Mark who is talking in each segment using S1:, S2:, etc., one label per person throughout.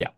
S1: Ya.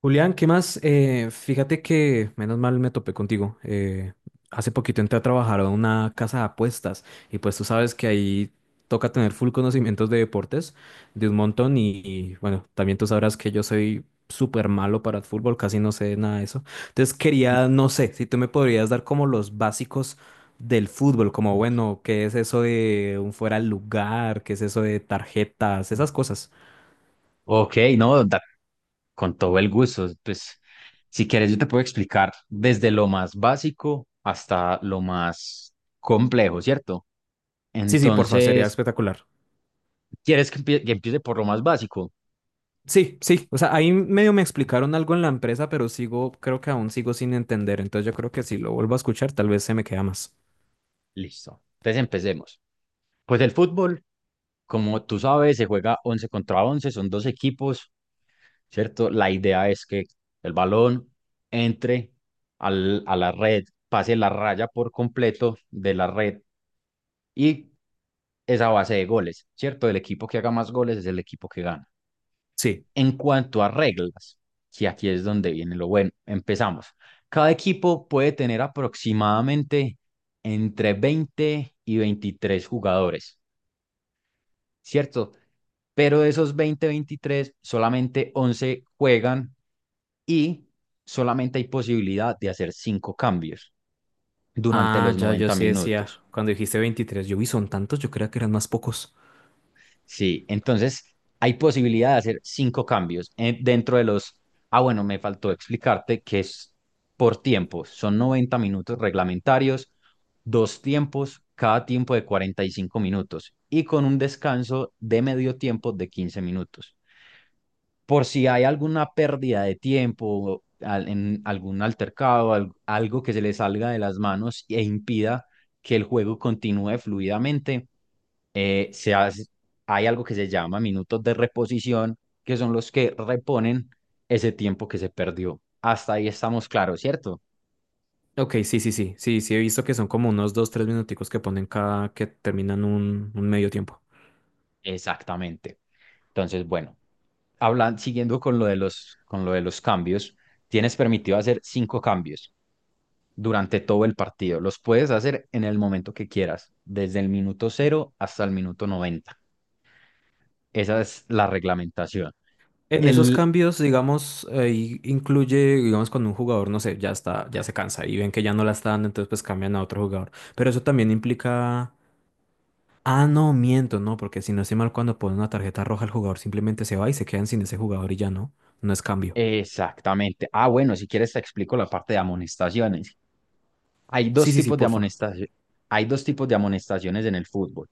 S2: Julián, ¿qué más? Fíjate que menos mal me topé contigo. Hace poquito entré a trabajar a una casa de apuestas y pues tú sabes que ahí toca tener full conocimientos de deportes, de un montón y, bueno, también tú sabrás que yo soy súper malo para el fútbol, casi no sé nada de eso. Entonces quería, no sé, si tú me podrías dar como los básicos del fútbol, como bueno, ¿qué es eso de un fuera de lugar? ¿Qué es eso de tarjetas? Esas cosas.
S1: Ok, no, con todo el gusto. Pues, si quieres, yo te puedo explicar desde lo más básico hasta lo más complejo, ¿cierto?
S2: Sí, sí, porfa, sería
S1: Entonces,
S2: espectacular.
S1: ¿quieres que empiece por lo más básico?
S2: Sí, sí, o sea, ahí medio me explicaron algo en la empresa, pero sigo, creo que aún sigo sin entender, entonces yo creo que si lo vuelvo a escuchar, tal vez se me queda más.
S1: Listo. Entonces, empecemos. Pues el fútbol, como tú sabes, se juega 11 contra 11, son dos equipos, ¿cierto? La idea es que el balón entre a la red, pase la raya por completo de la red y es a base de goles, ¿cierto? El equipo que haga más goles es el equipo que gana.
S2: Sí.
S1: En cuanto a reglas, que aquí es donde viene lo bueno, empezamos. Cada equipo puede tener aproximadamente entre 20 y 23 jugadores, ¿cierto? Pero de esos 20, 23 solamente 11 juegan y solamente hay posibilidad de hacer 5 cambios durante
S2: Ah,
S1: los
S2: ya, yo
S1: 90
S2: sí decía,
S1: minutos.
S2: cuando dijiste 23, yo vi son tantos, yo creía que eran más pocos.
S1: Sí, entonces hay posibilidad de hacer cinco cambios dentro de los... Ah, bueno, me faltó explicarte que es por tiempo. Son 90 minutos reglamentarios, dos tiempos, cada tiempo de 45 minutos y con un descanso de medio tiempo de 15 minutos por si hay alguna pérdida de tiempo en algún altercado, algo que se le salga de las manos e impida que el juego continúe fluidamente. Eh, se hace- hay algo que se llama minutos de reposición, que son los que reponen ese tiempo que se perdió. Hasta ahí estamos claros, ¿cierto?
S2: Ok, sí, sí, sí, sí, sí, he visto que son como unos dos, tres minuticos que ponen cada, que terminan un medio tiempo.
S1: Exactamente. Entonces, bueno, hablan, siguiendo con lo de los cambios, tienes permitido hacer cinco cambios durante todo el partido. Los puedes hacer en el momento que quieras, desde el minuto cero hasta el minuto 90. Esa es la reglamentación.
S2: En esos
S1: El...
S2: cambios, digamos, ahí incluye, digamos, cuando un jugador, no sé, ya está, ya se cansa y ven que ya no la está dando, entonces pues cambian a otro jugador. Pero eso también implica… Ah, no, miento, no, porque si no estoy mal, cuando ponen una tarjeta roja, el jugador simplemente se va y se quedan sin ese jugador y ya no. No es cambio.
S1: Exactamente. Ah, bueno, si quieres te explico la parte de amonestaciones. Hay
S2: Sí,
S1: dos
S2: sí, sí,
S1: tipos de
S2: porfa.
S1: amonestaciones. Hay dos tipos de amonestaciones en el fútbol.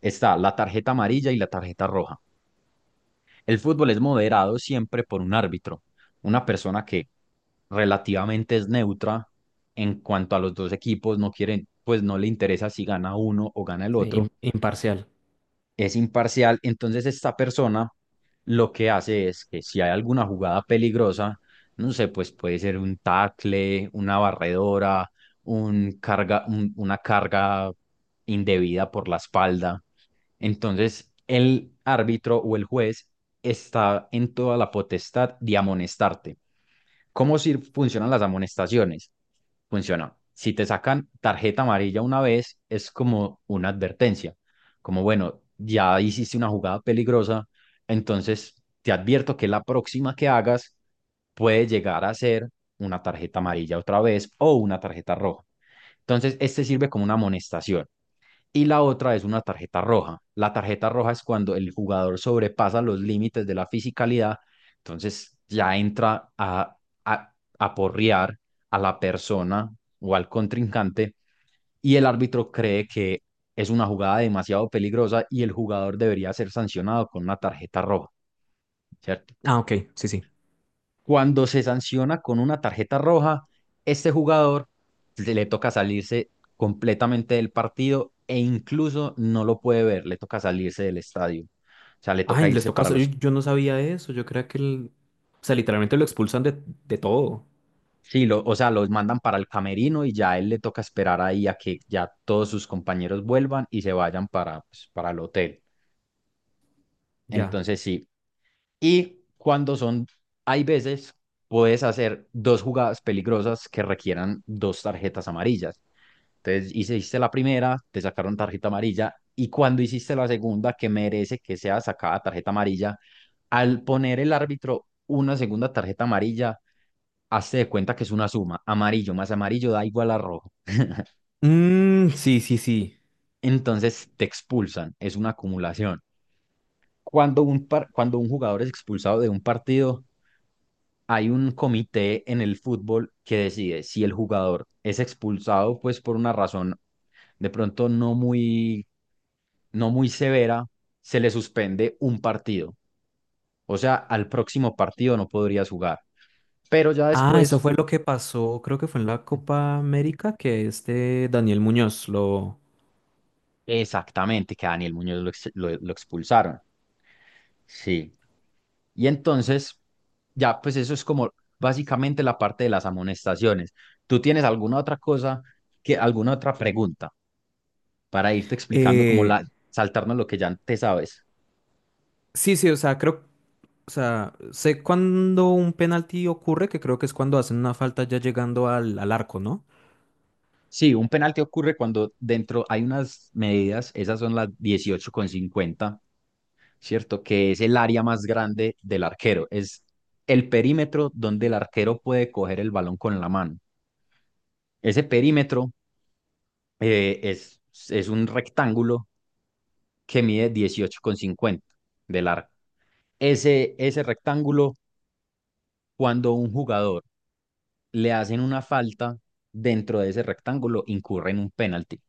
S1: Está la tarjeta amarilla y la tarjeta roja. El fútbol es moderado siempre por un árbitro, una persona que relativamente es neutra en cuanto a los dos equipos, no quieren, pues no le interesa si gana uno o gana el
S2: Sí,
S1: otro,
S2: Imparcial.
S1: es imparcial. Entonces esta persona lo que hace es que si hay alguna jugada peligrosa, no sé, pues puede ser un tackle, una barredora, una carga indebida por la espalda. Entonces, el árbitro o el juez está en toda la potestad de amonestarte. ¿Cómo si funcionan las amonestaciones? Funciona. Si te sacan tarjeta amarilla una vez, es como una advertencia, como bueno, ya hiciste una jugada peligrosa, entonces te advierto que la próxima que hagas puede llegar a ser una tarjeta amarilla otra vez o una tarjeta roja. Entonces, este sirve como una amonestación y la otra es una tarjeta roja. La tarjeta roja es cuando el jugador sobrepasa los límites de la fisicalidad, entonces ya entra a, a porrear a la persona o al contrincante, y el árbitro cree que es una jugada demasiado peligrosa y el jugador debería ser sancionado con una tarjeta roja, ¿cierto?
S2: Ah, ok, sí, sí.
S1: Cuando se sanciona con una tarjeta roja, este jugador se le toca salirse completamente del partido e incluso no lo puede ver, le toca salirse del estadio. O sea, le toca
S2: Ay, les
S1: irse
S2: toca.
S1: para
S2: Yo,
S1: los...
S2: yo no sabía eso. Yo creía que el… O sea, literalmente lo expulsan de todo.
S1: Sí, o sea, los mandan para el camerino y ya a él le toca esperar ahí a que ya todos sus compañeros vuelvan y se vayan para, pues, para el hotel.
S2: Ya.
S1: Entonces sí. Y cuando son, hay veces, puedes hacer dos jugadas peligrosas que requieran dos tarjetas amarillas. Entonces hiciste la primera, te sacaron tarjeta amarilla y cuando hiciste la segunda, que merece que sea sacada tarjeta amarilla, al poner el árbitro una segunda tarjeta amarilla, hazte de cuenta que es una suma, amarillo más amarillo da igual a rojo.
S2: Mm, sí, sí, sí.
S1: Entonces te expulsan, es una acumulación. Cuando un jugador es expulsado de un partido, hay un comité en el fútbol que decide si el jugador es expulsado pues por una razón de pronto no muy severa, se le suspende un partido. O sea, al próximo partido no podrías jugar. Pero ya
S2: Ah, eso
S1: después,
S2: fue lo que pasó, creo que fue en la Copa América, que este Daniel Muñoz lo…
S1: exactamente, que a Daniel Muñoz lo expulsaron. Sí. Y entonces, ya, pues eso es como básicamente la parte de las amonestaciones. ¿Tú tienes alguna otra cosa, alguna otra pregunta para irte explicando como
S2: Eh,
S1: la, saltarnos lo que ya te sabes?
S2: sí, sí, o sea, creo. O sea, sé cuándo un penalti ocurre, que creo que es cuando hacen una falta ya llegando al arco, ¿no?
S1: Sí, un penalti ocurre cuando dentro hay unas medidas, esas son las 18,50, ¿cierto? Que es el área más grande del arquero. Es el perímetro donde el arquero puede coger el balón con la mano. Ese perímetro eh, es, es un rectángulo que mide 18,50 de largo. Ese rectángulo, cuando un jugador le hacen una falta dentro de ese rectángulo, incurre en un penalti.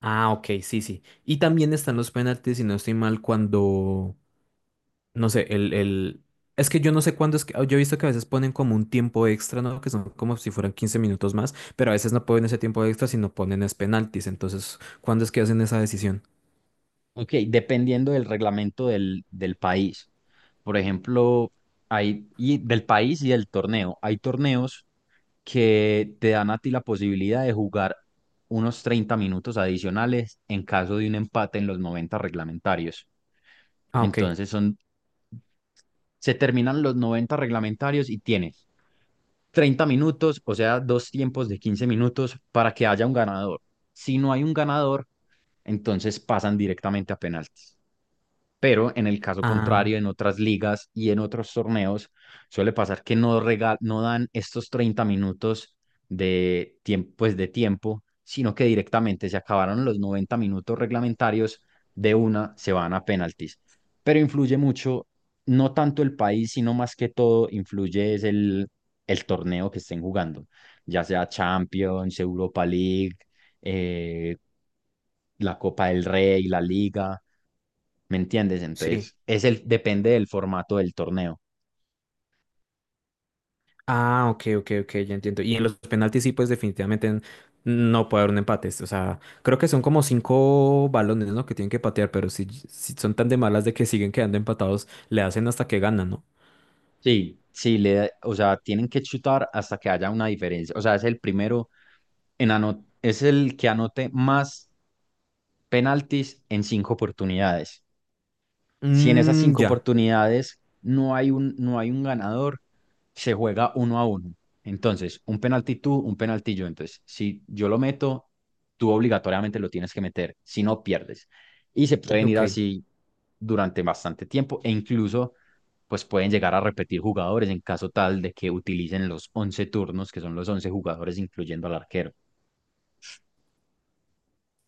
S2: Ah, ok, sí, sí. Y también están los penaltis, si no estoy mal, cuando, no sé, Es que yo no sé cuándo es que… Yo he visto que a veces ponen como un tiempo extra, ¿no? Que son como si fueran 15 minutos más, pero a veces no ponen ese tiempo extra, sino ponen es penaltis. Entonces, ¿cuándo es que hacen esa decisión?
S1: Ok, dependiendo del reglamento del país. Por ejemplo, y del país y del torneo. Hay torneos que te dan a ti la posibilidad de jugar unos 30 minutos adicionales en caso de un empate en los 90 reglamentarios.
S2: Ah, ok.
S1: Entonces se terminan los 90 reglamentarios y tienes 30 minutos, o sea, dos tiempos de 15 minutos para que haya un ganador. Si no hay un ganador, entonces pasan directamente a penaltis. Pero en el caso
S2: Ah,
S1: contrario, en otras ligas y en otros torneos, suele pasar que no, no dan estos 30 minutos de tiempo, pues de tiempo, sino que directamente se acabaron los 90 minutos reglamentarios, de una se van a penaltis. Pero influye mucho, no tanto el país, sino más que todo, influye es el torneo que estén jugando, ya sea Champions, Europa League, eh, la Copa del Rey, la Liga. ¿Me entiendes?
S2: sí.
S1: Entonces, depende del formato del torneo.
S2: Ah, ok, ok, ok, ya entiendo. Y en los penaltis sí, pues definitivamente no puede haber un empate. O sea, creo que son como cinco balones, ¿no? Que tienen que patear, pero si son tan de malas de que siguen quedando empatados, le hacen hasta que ganan, ¿no?
S1: Sí, sí, o sea, tienen que chutar hasta que haya una diferencia. O sea, es el primero es el que anote más penaltis en cinco oportunidades. Si en esas
S2: Mmm,
S1: cinco
S2: ya,
S1: oportunidades no hay un ganador, se juega uno a uno. Entonces, un penalti tú, un penalti yo. Entonces, si yo lo meto, tú obligatoriamente lo tienes que meter, si no pierdes. Y se pueden ir
S2: ok.
S1: así durante bastante tiempo e incluso pues pueden llegar a repetir jugadores en caso tal de que utilicen los 11 turnos, que son los 11 jugadores incluyendo al arquero.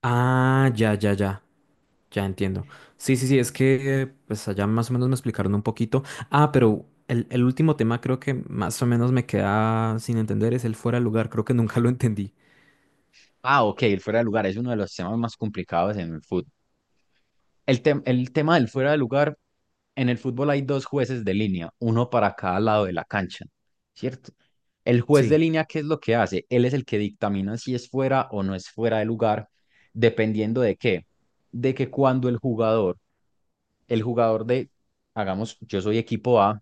S2: Ah, ya, ya, ya, ya entiendo. Sí, sí, sí, es que pues allá más o menos me explicaron un poquito. Ah, pero el último tema creo que más o menos me queda sin entender es el fuera de lugar. Creo que nunca lo entendí.
S1: Ah, ok, el fuera de lugar es uno de los temas más complicados en el fútbol. El tema del fuera de lugar, en el fútbol hay dos jueces de línea, uno para cada lado de la cancha, ¿cierto? El juez de
S2: Sí.
S1: línea, ¿qué es lo que hace? Él es el que dictamina si es fuera o no es fuera de lugar, dependiendo de qué. De que cuando el jugador de, hagamos, yo soy equipo A,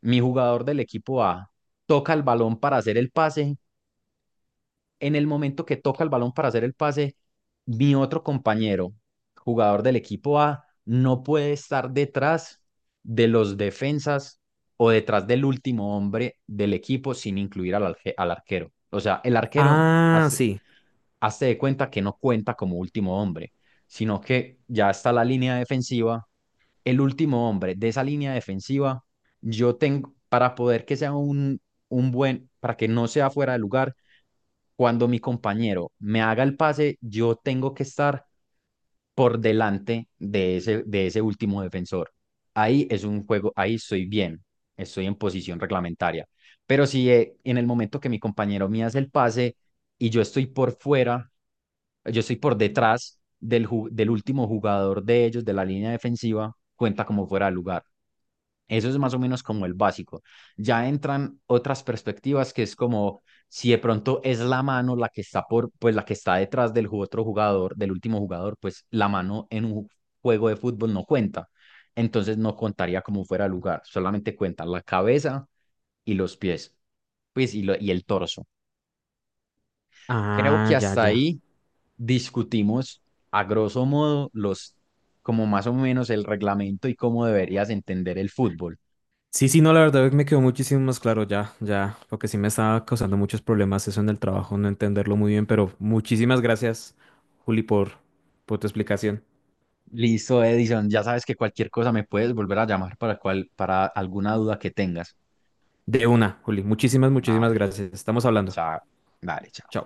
S1: mi jugador del equipo A toca el balón para hacer el pase, en el momento que toca el balón para hacer el pase, mi otro compañero, jugador del equipo A, no puede estar detrás de los defensas o detrás del último hombre del equipo sin incluir al arquero. O sea, el arquero
S2: Ah,
S1: hace,
S2: sí.
S1: hace de cuenta que no cuenta como último hombre, sino que ya está la línea defensiva el último hombre de esa línea defensiva, yo tengo, para poder que sea un buen, para que no sea fuera de lugar, cuando mi compañero me haga el pase, yo tengo que estar por delante de ese último defensor. Ahí es un juego, ahí estoy bien, estoy en posición reglamentaria. Pero si en el momento que mi compañero me hace el pase, y yo estoy por fuera, yo estoy por detrás del último jugador de ellos, de la línea defensiva, cuenta como fuera de lugar. Eso es más o menos como el básico. Ya entran otras perspectivas que es como si de pronto es la mano la que está por, pues la que está detrás otro jugador, del último jugador, pues la mano en un juego de fútbol no cuenta. Entonces no contaría como fuera de lugar, solamente cuentan la cabeza y los pies, pues y, y el torso. Creo que
S2: Ah, ya,
S1: hasta
S2: ya.
S1: ahí discutimos a grosso modo los, como más o menos el reglamento y cómo deberías entender el fútbol.
S2: Sí, sí, no, la verdad me quedó muchísimo más claro ya, ya, porque sí me estaba causando muchos problemas eso en el trabajo, no entenderlo muy bien, pero muchísimas gracias, Juli, por tu explicación.
S1: Listo, Edison, ya sabes que cualquier cosa me puedes volver a llamar para alguna duda que tengas.
S2: De una, Juli, muchísimas, muchísimas
S1: Vale,
S2: gracias. Estamos hablando.
S1: chao. Vale, chao.
S2: Chao.